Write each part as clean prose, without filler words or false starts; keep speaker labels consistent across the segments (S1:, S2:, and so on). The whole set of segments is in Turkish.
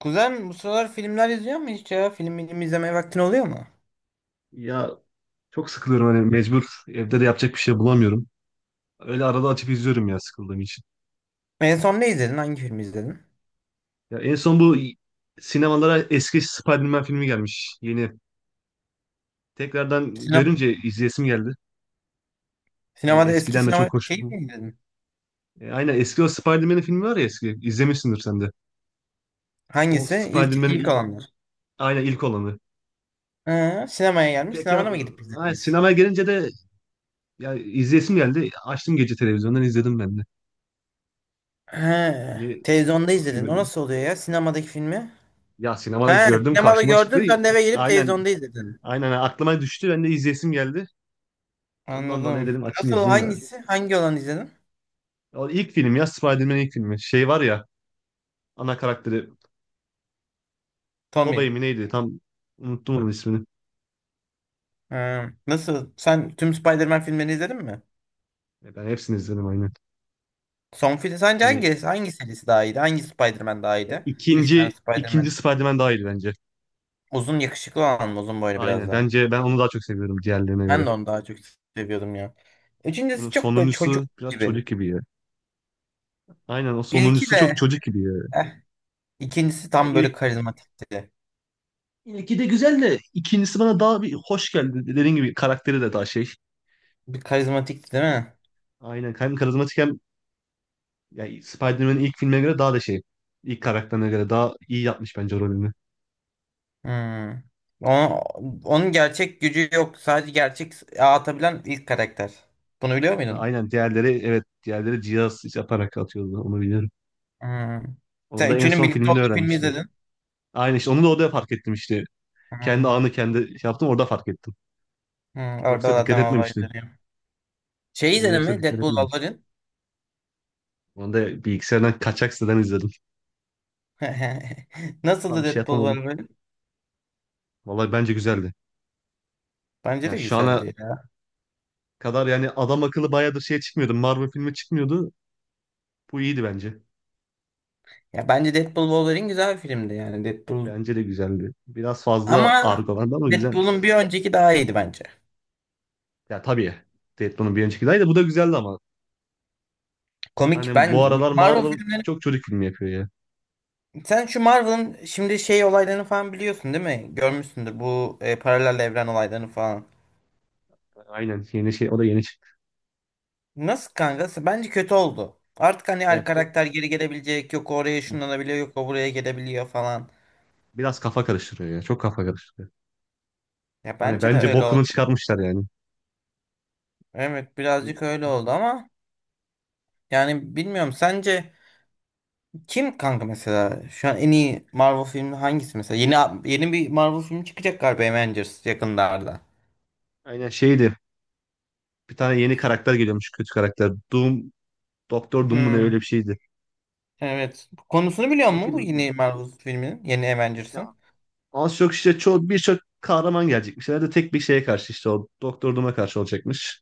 S1: Kuzen bu sıralar filmler izliyor mu hiç ya? Film izlemeye vaktin oluyor mu?
S2: Ya çok sıkılıyorum hani mecbur evde de yapacak bir şey bulamıyorum. Öyle arada açıp izliyorum ya sıkıldığım için.
S1: En son ne izledin? Hangi filmi izledin?
S2: Ya en son bu sinemalara eski Spider-Man filmi gelmiş yeni. Tekrardan
S1: Sinema,
S2: görünce izleyesim geldi. Hani
S1: sinemada eski
S2: eskiden de
S1: sinema
S2: çok hoş.
S1: şeyi mi izledin?
S2: Aynen eski o Spider-Man filmi var ya eski. İzlemişsindir sen de. O
S1: Hangisi? İlk,
S2: Spider-Man'in
S1: ilk
S2: i-
S1: olanlar.
S2: aynen ilk olanı.
S1: Ha, sinemaya gelmiş.
S2: Tekrar
S1: Sinemada mı gidip
S2: aynen,
S1: izlediniz?
S2: sinemaya gelince de ya izleyesim geldi. Açtım gece televizyondan izledim ben de.
S1: Ha,
S2: Hani
S1: televizyonda
S2: çok
S1: izledin. O
S2: seviyordum.
S1: nasıl oluyor ya? Sinemadaki filmi?
S2: Ya sinemada
S1: Ha,
S2: gördüm
S1: sinemada
S2: karşıma çıktı.
S1: gördün. Sen de eve gelip
S2: Aynen.
S1: televizyonda izledin.
S2: Aynen aklıma düştü. Ben de izleyesim geldi. Ondan dolayı
S1: Anladım.
S2: dedim açayım
S1: Nasıl?
S2: izleyeyim yani.
S1: Hangisi? Hangi olanı izledin?
S2: O ilk film ya Spider-Man'in ilk filmi. Şey var ya ana karakteri Tobey
S1: Tommy.
S2: mi neydi? Tam unuttum onun ismini.
S1: Ha, nasıl? Sen tüm Spider-Man filmlerini izledin mi?
S2: Ya ben hepsini izledim aynen.
S1: Son film sence
S2: Hani
S1: hangi serisi daha iyiydi? Hangi Spider-Man daha iyiydi? Üç tane
S2: ikinci
S1: Spider-Man.
S2: Spider-Man daha iyi bence.
S1: Uzun yakışıklı olan mı? Uzun boylu biraz
S2: Aynen.
S1: daha.
S2: Bence ben onu daha çok seviyorum diğerlerine göre.
S1: Ben de onu daha çok seviyordum ya.
S2: Onun
S1: Üçüncüsü çok böyle çocuk
S2: sonuncusu biraz
S1: gibi.
S2: çocuk gibi ya. Aynen o
S1: İlki
S2: sonuncusu çok
S1: de
S2: çocuk gibi ya.
S1: eh, ikincisi
S2: Ya
S1: tam böyle
S2: ilk,
S1: karizmatikti.
S2: ilki de güzel de ikincisi bana daha bir hoş geldi. Dediğim gibi karakteri de daha şey.
S1: Bir karizmatikti değil
S2: Hani,
S1: mi?
S2: aynen. Hem karizmatik hem yani Spider-Man'in ilk filmine göre daha da şey. İlk karakterine göre daha iyi yapmış bence rolünü.
S1: Hmm. Ona- onun gerçek gücü yok. Sadece gerçek atabilen ilk karakter. Bunu biliyor muydun?
S2: Aynen diğerleri, evet, diğerleri cihaz yaparak atıyordu, onu biliyorum.
S1: Hmm.
S2: Onu
S1: Sen
S2: da en
S1: üçünün
S2: son
S1: birlikte
S2: filmini
S1: olduğu filmi
S2: öğrenmiştim.
S1: izledin.
S2: Aynen işte onu da orada fark ettim işte. Kendi
S1: Hmm.
S2: anı kendi şey yaptım orada fark ettim.
S1: Hmm. Orada
S2: Yoksa dikkat
S1: zaten
S2: etmemiştim.
S1: olayları. Şey
S2: Onu
S1: izledin
S2: yoksa
S1: mi?
S2: dikkat
S1: Deadpool
S2: etmemiştim.
S1: Wolverine.
S2: Onu da bilgisayardan kaçak siteden izledim. Tam
S1: Nasıldı
S2: şey
S1: Deadpool
S2: yapamadım.
S1: Wolverine?
S2: Vallahi bence güzeldi.
S1: Bence
S2: Ya
S1: de
S2: şu ana
S1: güzeldi ya.
S2: kadar yani adam akıllı bayağıdır şey çıkmıyordu. Marvel filmi çıkmıyordu. Bu iyiydi bence.
S1: Ya bence Deadpool Wolverine güzel bir filmdi yani Deadpool.
S2: Bence de güzeldi. Biraz fazla
S1: Ama
S2: argo vardı ama güzel.
S1: Deadpool'un bir önceki daha iyiydi bence.
S2: Ya tabii. Deadpool'un bir önceki daha iyi de bu da güzeldi ama.
S1: Komik.
S2: Hani bu
S1: Ben
S2: aralar
S1: Marvel
S2: Marvel
S1: filmleri
S2: çok çocuk filmi yapıyor ya.
S1: sen şu Marvel'ın şimdi şey olaylarını falan biliyorsun değil mi? Görmüşsündür bu paralel evren olaylarını falan.
S2: Aynen yeni şey, o da yeni çıktı.
S1: Nasıl kanka? Bence kötü oldu. Artık hani
S2: Ya
S1: her
S2: çok-
S1: karakter geri gelebilecek. Yok o oraya şunlanabiliyor, yok o buraya gelebiliyor falan.
S2: Biraz kafa karıştırıyor ya. Çok kafa karıştırıyor.
S1: Ya
S2: Hani
S1: bence de
S2: bence
S1: öyle
S2: bokunu
S1: oldu.
S2: çıkarmışlar yani.
S1: Evet
S2: Hani
S1: birazcık öyle oldu ama yani bilmiyorum sence kim kanka mesela şu an en iyi Marvel filmi hangisi mesela? Yeni bir Marvel filmi çıkacak galiba Avengers yakınlarda.
S2: Aynen şeydi. Bir tane yeni karakter geliyormuş, kötü karakter. Doom, Doktor Doom mu ne, öyle
S1: Hmm,
S2: bir şeydi.
S1: evet. Konusunu biliyor
S2: O
S1: musun bu
S2: film
S1: yeni Marvel filminin? Yeni
S2: ya
S1: Avengers'ın.
S2: az çok işte çoğu, birçok kahraman gelecekmiş. Herhalde tek bir şeye karşı, işte o Doktor Doom'a karşı olacakmış.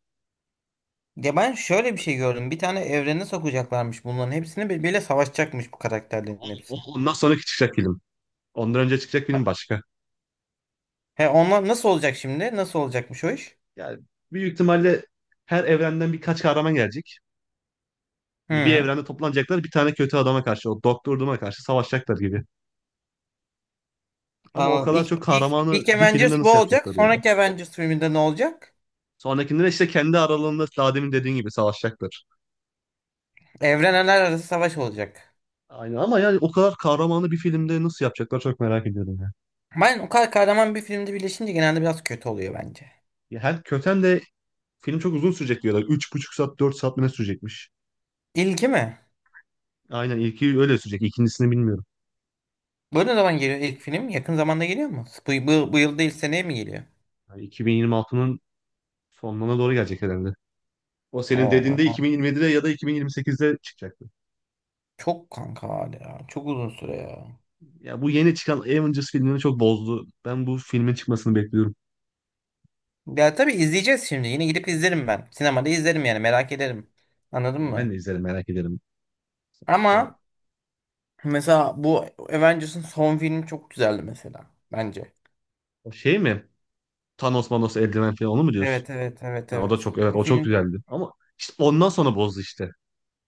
S1: Ya ben şöyle bir şey
S2: Hani
S1: gördüm. Bir tane evrene sokacaklarmış bunların hepsini birbiriyle savaşacakmış bu karakterlerin hepsi.
S2: ondan sonraki çıkacak film. Ondan önce çıkacak film başka.
S1: He onlar nasıl olacak şimdi? Nasıl olacakmış o iş?
S2: Yani büyük ihtimalle her evrenden birkaç kahraman gelecek. Hani bir
S1: Hı.
S2: evrende toplanacaklar bir tane kötü adama karşı, o Doktor Doom'a karşı savaşacaklar gibi. Ama o
S1: Anladım.
S2: kadar
S1: İlk,
S2: çok
S1: ilk,
S2: kahramanı
S1: ilk
S2: bir filmde
S1: Avengers bu
S2: nasıl
S1: olacak.
S2: yapacaklar yani?
S1: Sonraki Avengers filminde ne olacak?
S2: Sonrakinde de işte kendi aralarında daha demin dediğin gibi savaşacaklar.
S1: Evrenler arası savaş olacak.
S2: Aynen ama yani o kadar kahramanı bir filmde nasıl yapacaklar çok merak ediyorum ya.
S1: Ben o kadar kahraman bir filmde birleşince genelde biraz kötü oluyor bence.
S2: Ya hem köten de film çok uzun sürecek diyorlar. Üç buçuk saat, 4 saat mi ne sürecekmiş?
S1: İlki mi?
S2: Aynen ilki öyle sürecek. İkincisini bilmiyorum.
S1: Bu ne zaman geliyor ilk film? Yakın zamanda geliyor mu? Bu yıl değil seneye mi geliyor?
S2: Yani 2026'nın sonlarına doğru gelecek herhalde. O senin dediğinde
S1: Oo,
S2: 2027'de ya da 2028'de çıkacaktı.
S1: çok kanka hala. Çok uzun süre ya.
S2: Ya bu yeni çıkan Avengers filmini çok bozdu. Ben bu filmin çıkmasını bekliyorum.
S1: Ya tabii izleyeceğiz şimdi. Yine gidip izlerim ben. Sinemada izlerim yani merak ederim. Anladın
S2: Yani ben de
S1: mı?
S2: izlerim, merak ederim. İşte
S1: Ama mesela bu Avengers'ın son filmi çok güzeldi mesela. Bence.
S2: o şey mi? Thanos Manos eldiven falan onu mu diyorsun?
S1: Evet evet evet
S2: Ya o da çok,
S1: evet.
S2: evet,
S1: O
S2: o çok
S1: film
S2: güzeldi. Ama işte ondan sonra bozdu işte.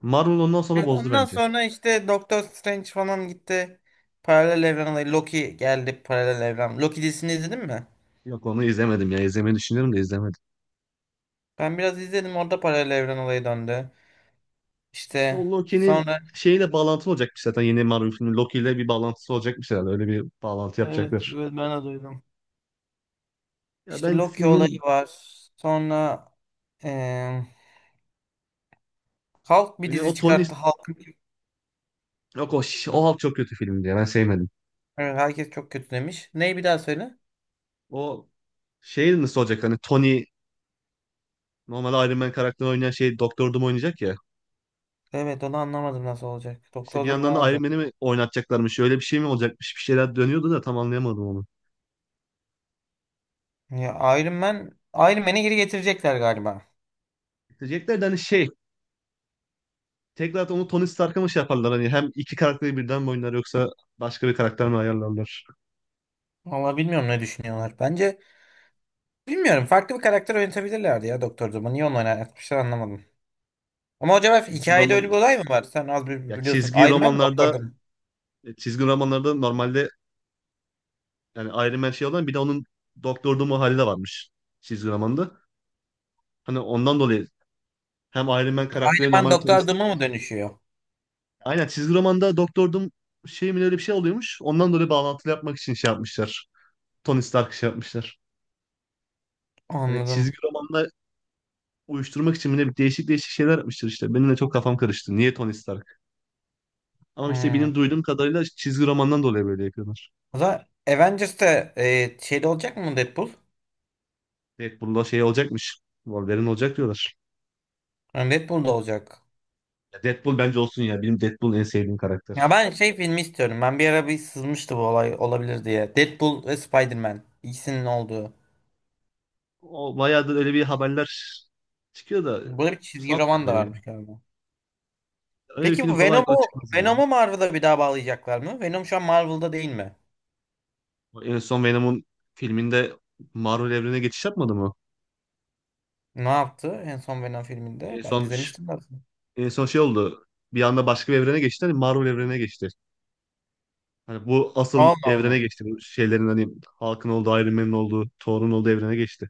S2: Marvel ondan sonra
S1: evet,
S2: bozdu
S1: ondan
S2: bence.
S1: sonra işte Doctor Strange falan gitti. Paralel evren olayı. Loki geldi paralel evren. Loki dizisini izledin mi?
S2: Yok onu izlemedim ya. İzlemeyi düşünüyorum da izlemedim.
S1: Ben biraz izledim orada paralel evren olayı döndü.
S2: İşte
S1: İşte
S2: o Loki'nin
S1: sonra
S2: şeyle bağlantılı olacakmış zaten yeni Marvel filmi. Loki ile bir bağlantısı olacakmış herhalde. Öyle bir bağlantı
S1: evet
S2: yapacaklar.
S1: evet ben de duydum.
S2: Ya
S1: İşte
S2: ben
S1: Loki
S2: filmin
S1: olayı var. Sonra eee Hulk bir
S2: öyle
S1: dizi
S2: o Tony
S1: çıkarttı. Hulk
S2: Yok o, o halk çok kötü filmdi ya. Ben sevmedim.
S1: evet, herkes çok kötü demiş. Neyi bir daha söyle?
S2: O şey nasıl olacak hani Tony normalde Iron Man karakterini oynayan şey Doktor Doom oynayacak ya.
S1: Evet onu anlamadım nasıl olacak.
S2: İşte
S1: Doktor
S2: bir
S1: durumu
S2: yandan da Iron
S1: olacak.
S2: Man'i mi oynatacaklarmış? Öyle bir şey mi olacakmış? Bir şeyler dönüyordu da tam anlayamadım onu.
S1: Ya Iron Man'i geri getirecekler galiba.
S2: Diyecekler de hani şey tekrar onu Tony Stark'a mı şey yaparlar hani hem iki karakteri birden mi oynar yoksa başka bir karakter mi ayarlarlar?
S1: Vallahi bilmiyorum ne düşünüyorlar. Bence bilmiyorum. Farklı bir karakter oynatabilirlerdi ya Doktor Doom'u. Niye onu oynatmışlar anlamadım. Ama acaba
S2: Çizgi
S1: hikayede öyle bir
S2: roman
S1: olay mı var? Sen az
S2: ya
S1: biliyorsun.
S2: çizgi
S1: Iron Man mi Doktor
S2: romanlarda
S1: Doom?
S2: çizgi romanlarda normalde yani Iron Man şey olan bir de onun Doktor Doom'u hali de varmış çizgi romanda. Hani ondan dolayı hem Iron Man
S1: Iron
S2: karakteri
S1: Man
S2: normalde
S1: Doktor
S2: tanıştık
S1: Doom'a
S2: ya
S1: mı
S2: şeyde.
S1: dönüşüyor?
S2: Aynen çizgi romanda Doktor Doom şey mi öyle bir şey oluyormuş. Ondan dolayı bağlantılı yapmak için şey yapmışlar. Tony Stark şey yapmışlar. Hani
S1: Anladım.
S2: çizgi romanla uyuşturmak için bile değişik değişik şeyler yapmışlar işte. Benim de çok kafam karıştı. Niye Tony Stark? Ama işte benim
S1: Hmm.
S2: duyduğum kadarıyla çizgi romandan dolayı böyle yapıyorlar.
S1: O zaman Avengers'te şeyde olacak mı Deadpool?
S2: Deadpool'da şey olacakmış. Wolverine olacak diyorlar.
S1: Yani Deadpool'da olacak.
S2: Ya Deadpool bence olsun ya. Benim Deadpool en sevdiğim
S1: Ya
S2: karakter.
S1: ben şey filmi istiyorum. Ben bir ara bir sızmıştı bu olay olabilir diye. Deadpool ve Spider-Man. İkisinin olduğu.
S2: O bayağıdır öyle bir haberler çıkıyor da
S1: Böyle bir çizgi roman da
S2: sanmıyorum
S1: varmış
S2: yani.
S1: galiba.
S2: Öyle bir
S1: Peki
S2: film
S1: bu
S2: kolay kolay
S1: Venom'u
S2: çıkmaz yani.
S1: Venom'u Marvel'a bir daha bağlayacaklar mı? Venom şu an Marvel'da değil mi?
S2: En son Venom'un filminde Marvel evrenine geçiş yapmadı mı?
S1: Ne yaptı en son Venom filminde?
S2: En
S1: Ben
S2: son
S1: izlemiştim aslında.
S2: en son şey oldu. Bir anda başka bir evrene geçti. Hani Marvel evrenine geçti. Hani bu asıl
S1: Allah
S2: evrene
S1: Allah.
S2: geçti. Bu şeylerin hani Hulk'ın olduğu, Iron Man'in olduğu, Thor'un olduğu evrene geçti.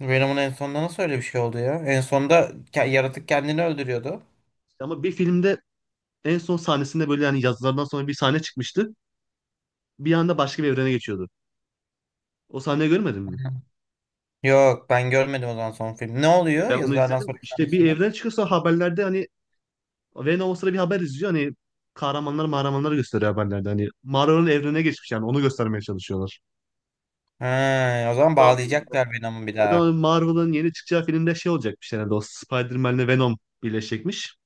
S1: Venom'un en sonunda nasıl öyle bir şey oldu ya? En sonunda yaratık kendini öldürüyordu.
S2: Ama bir filmde en son sahnesinde böyle yani yazılardan sonra bir sahne çıkmıştı. Bir anda başka bir evrene geçiyordu. O sahneyi görmedin
S1: Hı.
S2: mi?
S1: Yok ben görmedim o zaman son film. Ne
S2: Ya
S1: oluyor
S2: ben onu
S1: yazılardan
S2: izledim.
S1: sonraki
S2: İşte bir
S1: sahnesinde?
S2: evren çıkıyorsa haberlerde hani Venom o sıra bir haber izliyor. Hani kahramanlar mahramanları gösteriyor haberlerde. Hani Marvel'ın evrene geçmiş yani onu göstermeye çalışıyorlar.
S1: Ha, o zaman
S2: Hatta
S1: bağlayacaklar Venom'u bir daha.
S2: zaten Marvel'ın yeni çıkacağı filmde şey olacakmış herhalde o Spider-Man'le Venom birleşecekmiş.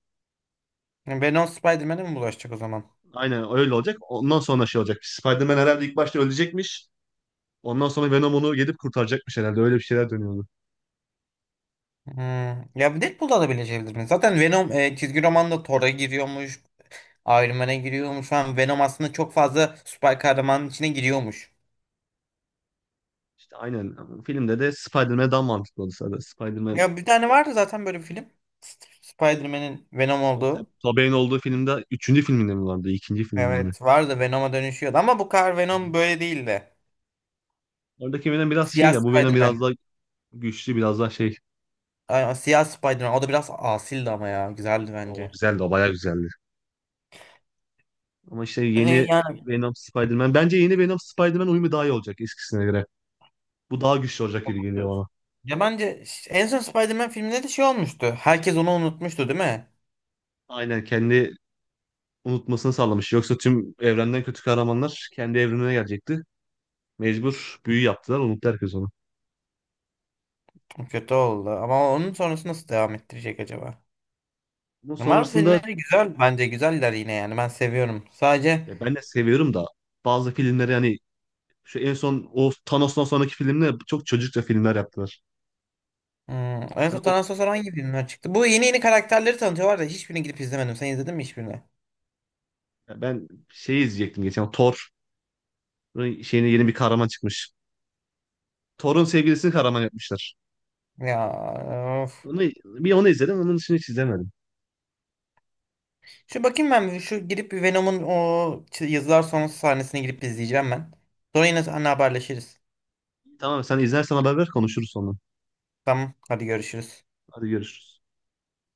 S1: Venom Spider-Man'e mi bulaşacak o zaman?
S2: Aynen öyle olacak. Ondan sonra şey olacak? Spider-Man herhalde ilk başta ölecekmiş. Ondan sonra Venom onu gidip kurtaracakmış herhalde. Öyle bir şeyler dönüyordu.
S1: Hmm. Ya Deadpool'da da bileşebilir mi? Zaten Venom çizgi romanda Thor'a giriyormuş. Iron Man'e giriyormuş. Şu an Venom aslında çok fazla süper kahramanın içine giriyormuş.
S2: İşte aynen. Filmde de Spider-Man daha mantıklı oldu zaten. Spider-Man
S1: Ya bir tane vardı zaten böyle bir film. Spider-Man'in Venom
S2: o
S1: olduğu.
S2: Tobey'in olduğu filmde üçüncü filminde mi vardı? İkinci filminde mi?
S1: Evet vardı Venom'a dönüşüyordu ama bu kadar Venom böyle değildi.
S2: Oradaki Venom biraz şey
S1: Siyah
S2: ya bu Venom biraz
S1: Spider-Man.
S2: daha güçlü biraz daha şey.
S1: Ay, Siyah Spider-Man. O da biraz asildi ama ya. Güzeldi
S2: O
S1: bence.
S2: güzeldi, o bayağı güzeldi. Ama işte yeni
S1: Yani
S2: Venom Spider-Man. Bence yeni Venom Spider-Man uyumu daha iyi olacak eskisine göre. Bu daha güçlü olacak gibi geliyor bana.
S1: ya bence en son Spider-Man filminde de şey olmuştu. Herkes onu unutmuştu değil mi?
S2: Aynen kendi unutmasını sağlamış. Yoksa tüm evrenden kötü kahramanlar kendi evrenine gelecekti. Mecbur büyü yaptılar, unuttu herkes onu.
S1: Kötü oldu. Ama onun sonrası nasıl devam ettirecek acaba?
S2: Bunun
S1: Marvel
S2: sonrasında
S1: filmleri güzel bence. Güzeller yine yani. Ben seviyorum. Sadece
S2: ya ben de seviyorum da bazı filmleri hani şu en son o Thanos'tan sonraki filmde çok çocukça filmler yaptılar.
S1: hmm. En
S2: Hani
S1: son
S2: o
S1: Tanah Sosor hangi filmler çıktı? Bu yeni karakterleri tanıtıyorlar da hiçbirini gidip izlemedim. Sen izledin mi hiçbirini?
S2: ya ben şeyi izleyecektim geçen Thor şeyine yeni bir kahraman çıkmış. Thor'un sevgilisini kahraman yapmışlar.
S1: Ya of.
S2: Onu, bir onu izledim. Onun dışında hiç izlemedim.
S1: Şu bakayım ben bir, şu girip bir Venom'un o yazılar sonrası sahnesini girip izleyeceğim ben. Sonra yine seninle haberleşiriz.
S2: Tamam sen izlersen haber ver konuşuruz sonra.
S1: Tamam hadi görüşürüz.
S2: Hadi görüşürüz.